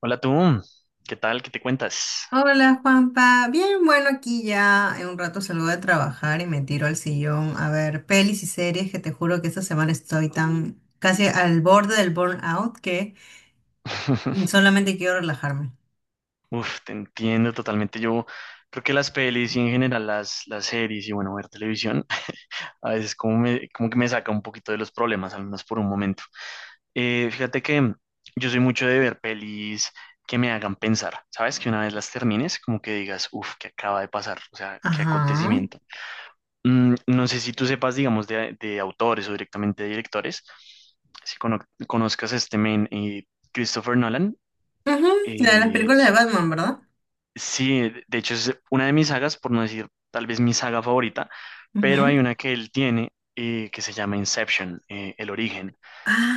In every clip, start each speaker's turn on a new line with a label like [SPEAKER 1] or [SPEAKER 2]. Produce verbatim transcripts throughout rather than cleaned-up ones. [SPEAKER 1] Hola tú, ¿qué tal? ¿Qué te cuentas?
[SPEAKER 2] Hola Juanpa, bien, bueno, aquí ya en un rato salgo de trabajar y me tiro al sillón a ver pelis y series, que te juro que esta semana estoy tan, casi al borde del burnout, que solamente quiero relajarme.
[SPEAKER 1] Uf, te entiendo totalmente. Yo creo que las pelis y en general las, las series y bueno, ver televisión, a veces como, me- como que me saca un poquito de los problemas, al menos por un momento. Eh, fíjate que yo soy mucho de ver pelis que me hagan pensar, ¿sabes? Que una vez las termines, como que digas, uf, ¿qué acaba de pasar? O sea, ¿qué
[SPEAKER 2] Ajá.
[SPEAKER 1] acontecimiento? Mm, no sé si tú sepas, digamos, de, de autores o directamente de directores, si cono- conozcas a este men, eh, Christopher Nolan.
[SPEAKER 2] Ujú. La de las
[SPEAKER 1] Eh,
[SPEAKER 2] películas de Batman, ¿verdad?
[SPEAKER 1] sí, de hecho es una de mis sagas, por no decir tal vez mi saga favorita, pero hay
[SPEAKER 2] Ujú.
[SPEAKER 1] una que él tiene eh, que se llama Inception, eh, El Origen.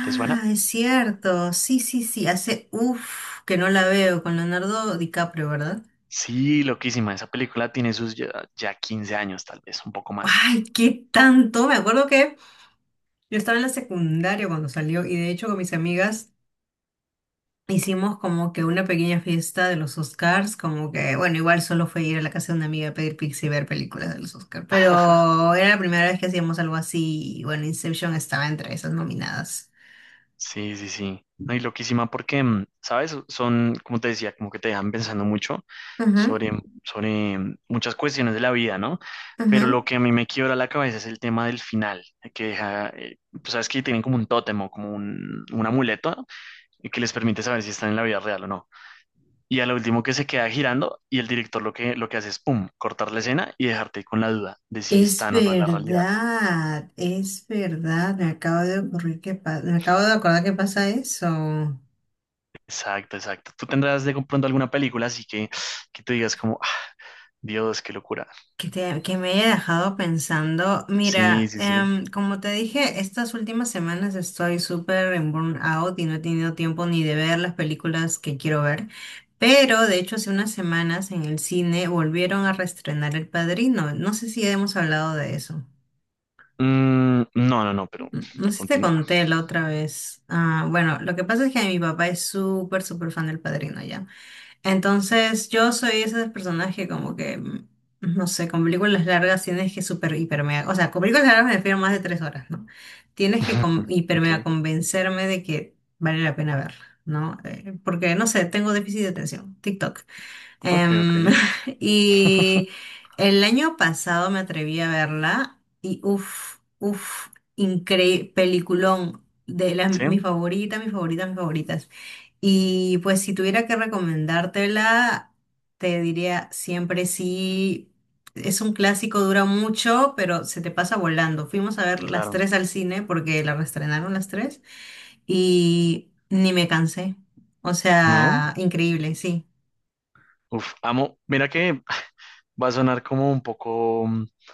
[SPEAKER 1] ¿Te suena?
[SPEAKER 2] es cierto, sí, sí, sí, hace uff que no la veo, con Leonardo DiCaprio, ¿verdad?
[SPEAKER 1] Sí, loquísima. Esa película tiene sus ya, ya quince años, tal vez, un poco más.
[SPEAKER 2] Ay, qué tanto, me acuerdo que yo estaba en la secundaria cuando salió, y de hecho con mis amigas hicimos como que una pequeña fiesta de los Oscars, como que, bueno, igual solo fue ir a la casa de una amiga a pedir pizza y ver películas de los Oscars, pero era la primera vez que hacíamos algo así, y bueno, Inception estaba entre esas nominadas.
[SPEAKER 1] Sí, sí, sí. No, y loquísima porque, mm, ¿sabes? Son, como te decía, como que te dejan pensando mucho
[SPEAKER 2] Ujú,
[SPEAKER 1] sobre, sobre mm, muchas cuestiones de la vida, ¿no? Pero
[SPEAKER 2] ujú.
[SPEAKER 1] lo que a mí me quiebra la cabeza es el tema del final, eh, que deja, eh, pues, sabes que tienen como un tótem o como un, un amuleto que les permite saber si están en la vida real o no. Y a lo último que se queda girando y el director lo que, lo que hace es, pum, cortar la escena y dejarte con la duda de si
[SPEAKER 2] Es
[SPEAKER 1] están o no en la realidad.
[SPEAKER 2] verdad, es verdad, me acabo de ocurrir que pa- me acabo de acordar que pasa eso.
[SPEAKER 1] Exacto, exacto. Tú tendrás de pronto alguna película así que, que tú digas como, Dios, qué locura.
[SPEAKER 2] Que te- que me haya dejado pensando.
[SPEAKER 1] Sí,
[SPEAKER 2] Mira,
[SPEAKER 1] sí, sí.
[SPEAKER 2] em, como te dije, estas últimas semanas estoy súper en burnout y no he tenido tiempo ni de ver las películas que quiero ver. Pero de hecho, hace unas semanas en el cine volvieron a reestrenar El Padrino. No sé si hemos hablado de eso.
[SPEAKER 1] Mm, no, no, no, pero
[SPEAKER 2] N- No sé si te
[SPEAKER 1] continúa.
[SPEAKER 2] conté la otra vez. Ah, bueno, lo que pasa es que mi papá es súper, súper fan del Padrino, ¿ya? Entonces, yo soy ese personaje como que, mm, no sé, con películas largas tienes que super hiper mega, o sea, con películas largas me refiero a más de tres horas, ¿no? Tienes que con- hiper mega
[SPEAKER 1] Ok,
[SPEAKER 2] convencerme de que vale la pena verla, ¿no? Eh, porque, no sé, tengo déficit de atención, TikTok.
[SPEAKER 1] ok, ok.
[SPEAKER 2] Em, y el año pasado me atreví a verla y uff, uff, increíble, peliculón, de las,
[SPEAKER 1] Sí,
[SPEAKER 2] mis favoritas, mis favoritas, mis favoritas. Y pues si tuviera que recomendártela, te diría siempre sí, es un clásico, dura mucho, pero se te pasa volando. Fuimos a ver las
[SPEAKER 1] claro.
[SPEAKER 2] tres al cine porque la reestrenaron las tres y ni me cansé. O
[SPEAKER 1] ¿No?
[SPEAKER 2] sea, increíble, sí.
[SPEAKER 1] Uf, amo. Mira que va a sonar como un poco, un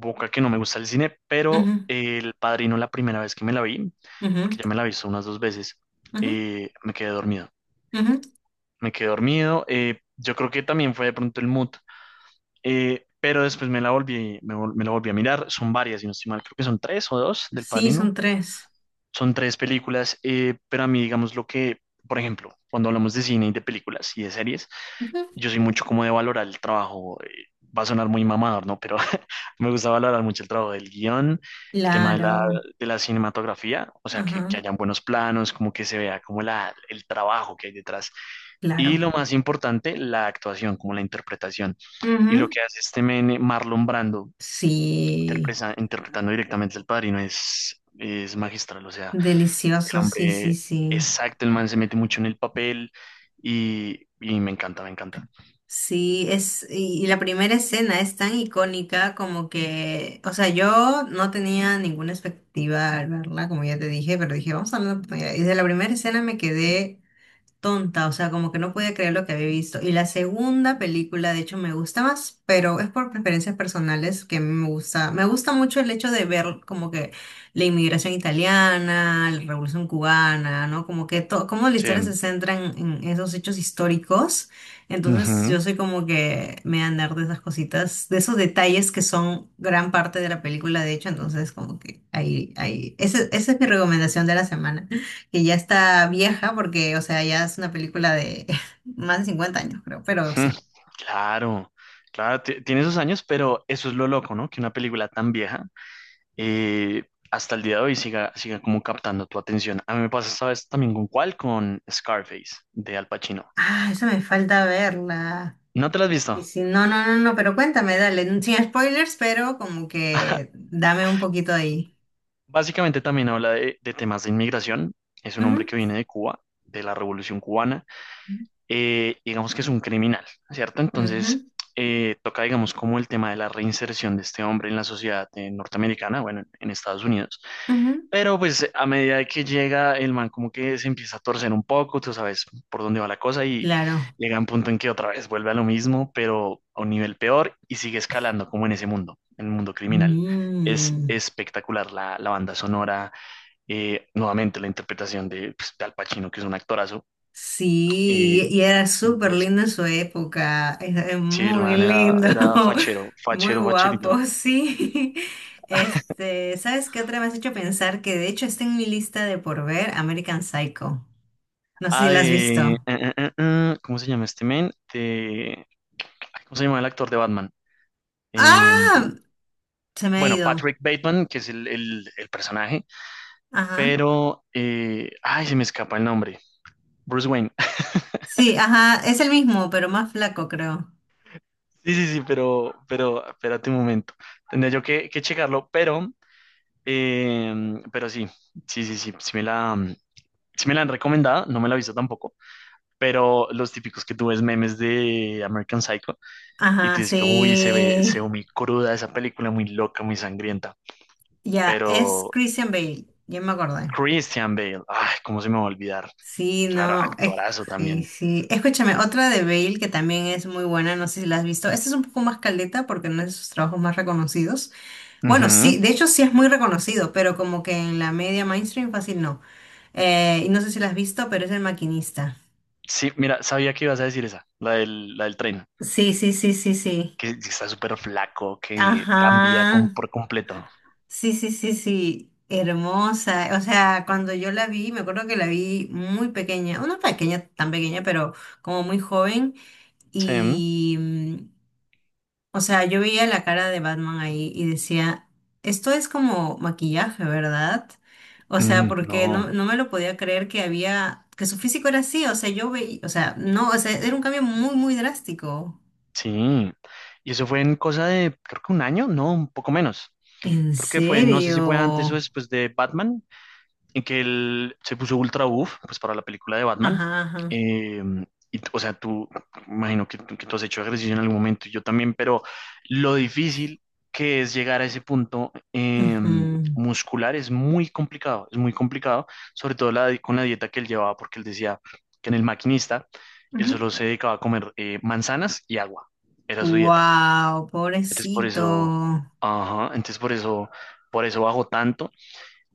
[SPEAKER 1] poco a que no me gusta el cine, pero
[SPEAKER 2] Ujú.
[SPEAKER 1] El Padrino la primera vez que me la vi,
[SPEAKER 2] Ujú,
[SPEAKER 1] porque ya me la he visto unas dos veces,
[SPEAKER 2] ujú,
[SPEAKER 1] eh, me quedé dormido.
[SPEAKER 2] ujú.
[SPEAKER 1] Me quedé dormido. Eh, yo creo que también fue de pronto el mood, eh, pero después me la volví, me, vol- me la volví a mirar. Son varias, si no estoy mal, creo que son tres o dos del
[SPEAKER 2] Sí, son
[SPEAKER 1] Padrino.
[SPEAKER 2] tres.
[SPEAKER 1] Son tres películas, eh, pero a mí, digamos, lo que, por ejemplo, cuando hablamos de cine y de películas y de series,
[SPEAKER 2] Ujú.
[SPEAKER 1] yo soy mucho como de valorar el trabajo. Eh, va a sonar muy mamador, ¿no? Pero me gusta valorar mucho el trabajo del guión, el tema de
[SPEAKER 2] Claro,
[SPEAKER 1] la, de la cinematografía, o sea, que,
[SPEAKER 2] ajá,
[SPEAKER 1] que hayan buenos planos, como que se vea como la, el trabajo que hay detrás. Y
[SPEAKER 2] claro.
[SPEAKER 1] lo más importante, la actuación, como la interpretación. Y lo
[SPEAKER 2] Ujú.
[SPEAKER 1] que hace este men, Marlon Brando,
[SPEAKER 2] Sí,
[SPEAKER 1] interpreta- interpretando directamente al padrino, es, es magistral. O sea, el
[SPEAKER 2] delicioso, sí, sí,
[SPEAKER 1] hombre,
[SPEAKER 2] sí.
[SPEAKER 1] exacto, el man se mete mucho en el papel y, y me encanta, me encanta.
[SPEAKER 2] Sí, es, y, y la primera escena es tan icónica, como que, o sea, yo no tenía ninguna expectativa al verla, como ya te dije, pero dije, vamos a darle una oportunidad. Y de la primera escena me quedé tonta, o sea, como que no podía creer lo que había visto. Y la segunda película, de hecho, me gusta más, pero es por preferencias personales que me gusta. Me gusta mucho el hecho de ver como que la inmigración italiana, la revolución cubana, ¿no? Como que todo, como la
[SPEAKER 1] Sí.
[SPEAKER 2] historia se centra en, en esos hechos históricos.
[SPEAKER 1] Ujú.
[SPEAKER 2] Entonces, yo soy como que me voy a andar de esas cositas, de esos detalles que son gran parte de la película, de hecho, entonces como que ahí, ahí, ese- esa es mi recomendación de la semana, que ya está vieja porque, o sea, ya es una película de más de cincuenta años, creo, pero
[SPEAKER 1] Mm,
[SPEAKER 2] sí.
[SPEAKER 1] claro, claro, ti- tiene esos años, pero eso es lo loco, ¿no? Que una película tan vieja eh, hasta el día de hoy siga, siga como captando tu atención. A mí me pasa esta vez también con cuál, con Scarface de Al Pacino.
[SPEAKER 2] Ah, esa me falta verla.
[SPEAKER 1] ¿No te la has visto?
[SPEAKER 2] Sí, sí, no, no, no, no, pero cuéntame, dale, sin spoilers, pero como que dame un poquito ahí.
[SPEAKER 1] Básicamente también habla de, de temas de inmigración. Es un hombre
[SPEAKER 2] Ujú,
[SPEAKER 1] que viene de Cuba, de la Revolución Cubana eh, digamos que es un criminal, ¿cierto? Entonces,
[SPEAKER 2] ujú,
[SPEAKER 1] eh, toca, digamos, como el tema de la reinserción de este hombre en la sociedad eh, norteamericana, bueno, en, en Estados Unidos.
[SPEAKER 2] ujú.
[SPEAKER 1] Pero pues a medida de que llega, el man como que se empieza a torcer un poco, tú sabes por dónde va la cosa y
[SPEAKER 2] Claro.
[SPEAKER 1] llega a un punto en que otra vez vuelve a lo mismo, pero a un nivel peor y sigue escalando como en ese mundo, en el mundo criminal. Es
[SPEAKER 2] Mm.
[SPEAKER 1] espectacular la, la banda sonora, eh, nuevamente la interpretación de, pues, de Al Pacino, que es un actorazo, eh,
[SPEAKER 2] Sí, y era súper
[SPEAKER 1] y eso.
[SPEAKER 2] lindo en su época, es es
[SPEAKER 1] Sí, el
[SPEAKER 2] muy
[SPEAKER 1] man era,
[SPEAKER 2] lindo,
[SPEAKER 1] era fachero,
[SPEAKER 2] muy
[SPEAKER 1] fachero, facherito.
[SPEAKER 2] guapo, sí. Este, ¿sabes qué otra me has hecho pensar? Que de hecho está en mi lista de por ver, American Psycho. No sé si
[SPEAKER 1] Ah,
[SPEAKER 2] la has
[SPEAKER 1] de... eh,
[SPEAKER 2] visto.
[SPEAKER 1] eh, eh, eh, ¿cómo se llama este man? De, ay, ¿cómo se llama el actor de Batman? Eh,
[SPEAKER 2] ¡Ah! Se me ha
[SPEAKER 1] bueno,
[SPEAKER 2] ido.
[SPEAKER 1] Patrick Bateman, que es el, el- el personaje,
[SPEAKER 2] Ajá.
[SPEAKER 1] pero... eh, ay, se me escapa el nombre. Bruce Wayne.
[SPEAKER 2] Sí, ajá, es el mismo, pero más flaco, creo.
[SPEAKER 1] Sí, sí, sí, pero, pero espérate un momento. Tendría yo que, que checarlo, pero, eh, pero sí, sí, sí, sí, sí me la, sí me la han recomendado, no me la he visto tampoco, pero los típicos que tú ves memes de American Psycho, y
[SPEAKER 2] Ajá,
[SPEAKER 1] tú dices que, uy, se ve, se ve
[SPEAKER 2] sí.
[SPEAKER 1] muy cruda esa película, muy loca, muy sangrienta.
[SPEAKER 2] Ya, es
[SPEAKER 1] Pero
[SPEAKER 2] Christian Bale, ya me acordé.
[SPEAKER 1] Christian Bale, ay, cómo se me va a olvidar.
[SPEAKER 2] Sí,
[SPEAKER 1] Claro,
[SPEAKER 2] no, es-
[SPEAKER 1] actorazo
[SPEAKER 2] sí,
[SPEAKER 1] también.
[SPEAKER 2] sí. Escúchame, otra de Bale que también es muy buena, no sé si la has visto. Esta es un poco más caldeta porque no es de sus trabajos más reconocidos. Bueno,
[SPEAKER 1] Ujú.
[SPEAKER 2] sí, de hecho sí es muy reconocido, pero como que en la media mainstream fácil no. Eh, y no sé si la has visto, pero es El Maquinista.
[SPEAKER 1] Sí, mira, sabía que ibas a decir esa, la del, la del tren,
[SPEAKER 2] Sí, sí, sí, sí, sí.
[SPEAKER 1] que está súper flaco, que cambia con,
[SPEAKER 2] Ajá.
[SPEAKER 1] por completo.
[SPEAKER 2] Sí, sí, sí, sí. Hermosa. O sea, cuando yo la vi, me acuerdo que la vi muy pequeña, o no pequeña, tan pequeña, pero como muy joven.
[SPEAKER 1] Sí.
[SPEAKER 2] Y, mm, o sea, yo veía la cara de Batman ahí y decía, esto es como maquillaje, ¿verdad? O sea,
[SPEAKER 1] Mm,
[SPEAKER 2] porque
[SPEAKER 1] no,
[SPEAKER 2] no, no me lo podía creer, que había, que su físico era así, o sea, yo veía, o sea, no, o sea, era un cambio muy, muy drástico.
[SPEAKER 1] sí. Y eso fue en cosa de, creo que un año, no, un poco menos.
[SPEAKER 2] ¿En
[SPEAKER 1] Creo que fue, no sé si fue antes o
[SPEAKER 2] serio?
[SPEAKER 1] después de Batman, en que él se puso ultra buff pues, para la película de Batman.
[SPEAKER 2] Ajá, ajá.
[SPEAKER 1] Eh, y, o sea, tú, imagino que, que tú has hecho ejercicio en algún momento, y yo también, pero lo difícil que es llegar a ese punto eh,
[SPEAKER 2] Ujú,
[SPEAKER 1] muscular es muy complicado, es muy complicado, sobre todo la, con la dieta que él llevaba, porque él decía que en el maquinista él
[SPEAKER 2] ujú.
[SPEAKER 1] solo se dedicaba a comer eh, manzanas y agua, era su dieta.
[SPEAKER 2] Wow,
[SPEAKER 1] Entonces por
[SPEAKER 2] pobrecito.
[SPEAKER 1] eso, ajá, entonces por eso, por eso bajó tanto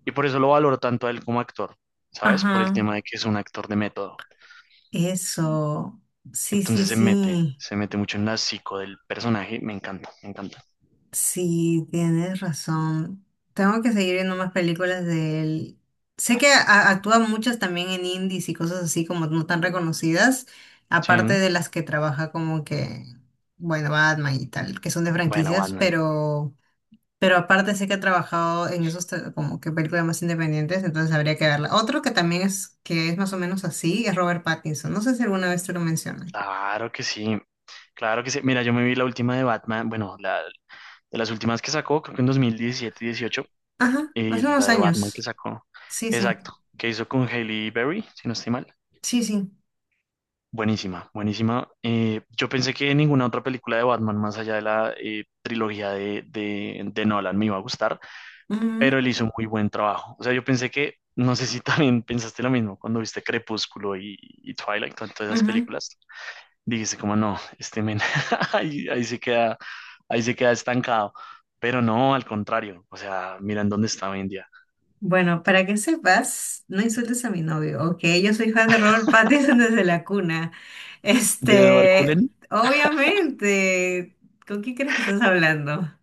[SPEAKER 1] y por eso lo valoro tanto a él como actor, ¿sabes? Por el
[SPEAKER 2] Ajá,
[SPEAKER 1] tema de que es un actor de método.
[SPEAKER 2] eso. Sí, sí,
[SPEAKER 1] Entonces se mete,
[SPEAKER 2] sí.
[SPEAKER 1] se mete mucho en la psico del personaje. Me encanta, me encanta.
[SPEAKER 2] Sí, tienes razón. Tengo que seguir viendo más películas de él. Sé que a- actúa muchas también en indies y cosas así, como no tan reconocidas,
[SPEAKER 1] Sí.
[SPEAKER 2] aparte
[SPEAKER 1] ¿No?
[SPEAKER 2] de las que trabaja como que, bueno, Batman y tal, que son de
[SPEAKER 1] Bueno,
[SPEAKER 2] franquicias,
[SPEAKER 1] Batman.
[SPEAKER 2] pero, pero aparte sé que ha trabajado en esos tra- como que películas más independientes, entonces habría que verla. Otro que también es, que es más o menos así, es Robert Pattinson. No sé si alguna vez te lo mencioné.
[SPEAKER 1] Claro que sí, claro que sí. Mira, yo me vi la última de Batman, bueno, la, de las últimas que sacó, creo que en dos mil diecisiete y dieciocho,
[SPEAKER 2] Ajá, hace
[SPEAKER 1] y la
[SPEAKER 2] unos
[SPEAKER 1] de Batman que
[SPEAKER 2] años.
[SPEAKER 1] sacó,
[SPEAKER 2] Sí, sí.
[SPEAKER 1] exacto, que hizo con Hailey Berry, si no estoy mal.
[SPEAKER 2] Sí, sí.
[SPEAKER 1] Buenísima, buenísima. Eh, yo pensé que ninguna otra película de Batman, más allá de la eh, trilogía de, de, de Nolan, me iba a gustar,
[SPEAKER 2] Ujú,
[SPEAKER 1] pero él hizo un muy buen trabajo. O sea, yo pensé que, no sé si también pensaste lo mismo cuando viste Crepúsculo y, y Twilight, con todas esas
[SPEAKER 2] ujú.
[SPEAKER 1] películas. Dijiste como, no, este men, ahí, ahí se queda, ahí se queda estancado. Pero no, al contrario. O sea, miren dónde está hoy en día.
[SPEAKER 2] Bueno, para que sepas, no insultes a mi novio, ¿ok? Yo soy fan de Robert Pattinson desde la cuna.
[SPEAKER 1] ¿De Edward
[SPEAKER 2] Este,
[SPEAKER 1] Cullen?
[SPEAKER 2] obviamente, ¿con quién crees que estás hablando?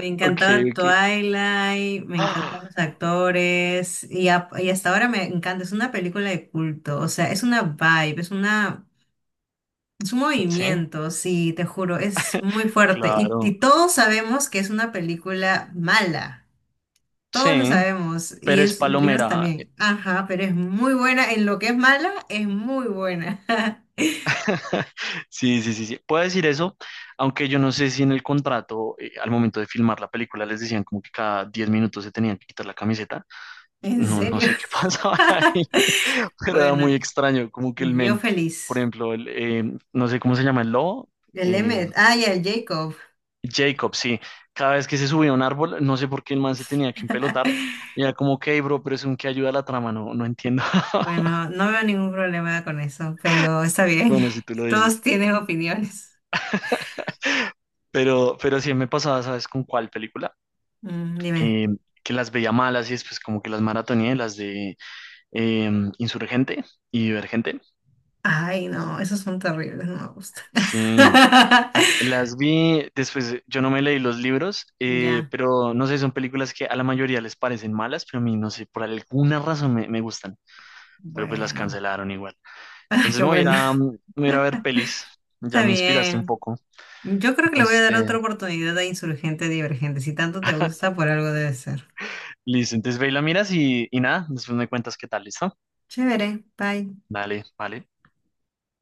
[SPEAKER 1] Ok, ok.
[SPEAKER 2] encantaba Twilight, me
[SPEAKER 1] Ah,
[SPEAKER 2] encantan los actores, y, a- y hasta ahora me encanta. Es una película de culto, o sea, es una vibe, es una, es un
[SPEAKER 1] sí,
[SPEAKER 2] movimiento, sí, te juro, es muy fuerte. Y, y
[SPEAKER 1] claro.
[SPEAKER 2] todos sabemos que es una película mala. Todos lo
[SPEAKER 1] Sí,
[SPEAKER 2] sabemos, y
[SPEAKER 1] pero es
[SPEAKER 2] es libros
[SPEAKER 1] palomera.
[SPEAKER 2] también. Ajá, pero es muy buena. En lo que es mala, es muy buena.
[SPEAKER 1] Sí, sí, sí, sí. Puedo decir eso, aunque yo no sé si en el contrato, eh, al momento de filmar la película, les decían como que cada diez minutos se tenían que quitar la camiseta.
[SPEAKER 2] ¿En
[SPEAKER 1] No, no
[SPEAKER 2] serio?
[SPEAKER 1] sé qué pasaba ahí, pero era muy
[SPEAKER 2] Bueno,
[SPEAKER 1] extraño, como que el
[SPEAKER 2] yo
[SPEAKER 1] men, por
[SPEAKER 2] feliz.
[SPEAKER 1] ejemplo, el, eh, no sé cómo se llama el lobo,
[SPEAKER 2] El
[SPEAKER 1] eh,
[SPEAKER 2] Emmet, ah, y el Jacob.
[SPEAKER 1] Jacob, sí. Cada vez que se subía a un árbol, no sé por qué el man se tenía que empelotar. Y era como, ok, bro, pero es un que ayuda a la trama, no, no entiendo.
[SPEAKER 2] Bueno, no veo ningún problema con eso, pero está bien.
[SPEAKER 1] Bueno, si tú lo dices.
[SPEAKER 2] Todos tienen opiniones.
[SPEAKER 1] Pero, pero sí me pasaba, ¿sabes con cuál película?
[SPEAKER 2] Mm, dime.
[SPEAKER 1] eh, que las veía malas y después como que las maratoneé, las de eh, Insurgente y Divergente.
[SPEAKER 2] Ay, no, esos son terribles, no me gustan.
[SPEAKER 1] Sí, las vi, después yo no me leí los libros, eh,
[SPEAKER 2] Ya,
[SPEAKER 1] pero no sé, son películas que a la mayoría les parecen malas, pero a mí no sé, por alguna razón me, me gustan, pero pues las
[SPEAKER 2] bueno.
[SPEAKER 1] cancelaron igual.
[SPEAKER 2] Ay,
[SPEAKER 1] Entonces
[SPEAKER 2] qué
[SPEAKER 1] me voy a ir
[SPEAKER 2] bueno.
[SPEAKER 1] a, me voy a ir a ver
[SPEAKER 2] Está
[SPEAKER 1] pelis, ya me inspiraste un
[SPEAKER 2] bien.
[SPEAKER 1] poco,
[SPEAKER 2] Yo creo que le voy a
[SPEAKER 1] entonces
[SPEAKER 2] dar
[SPEAKER 1] te...
[SPEAKER 2] otra oportunidad a Insurgente Divergente. Si tanto te gusta, por algo debe ser.
[SPEAKER 1] Listo, entonces ve y la miras y, y nada, después me cuentas qué tal, ¿listo?
[SPEAKER 2] Chévere, bye.
[SPEAKER 1] Dale, vale.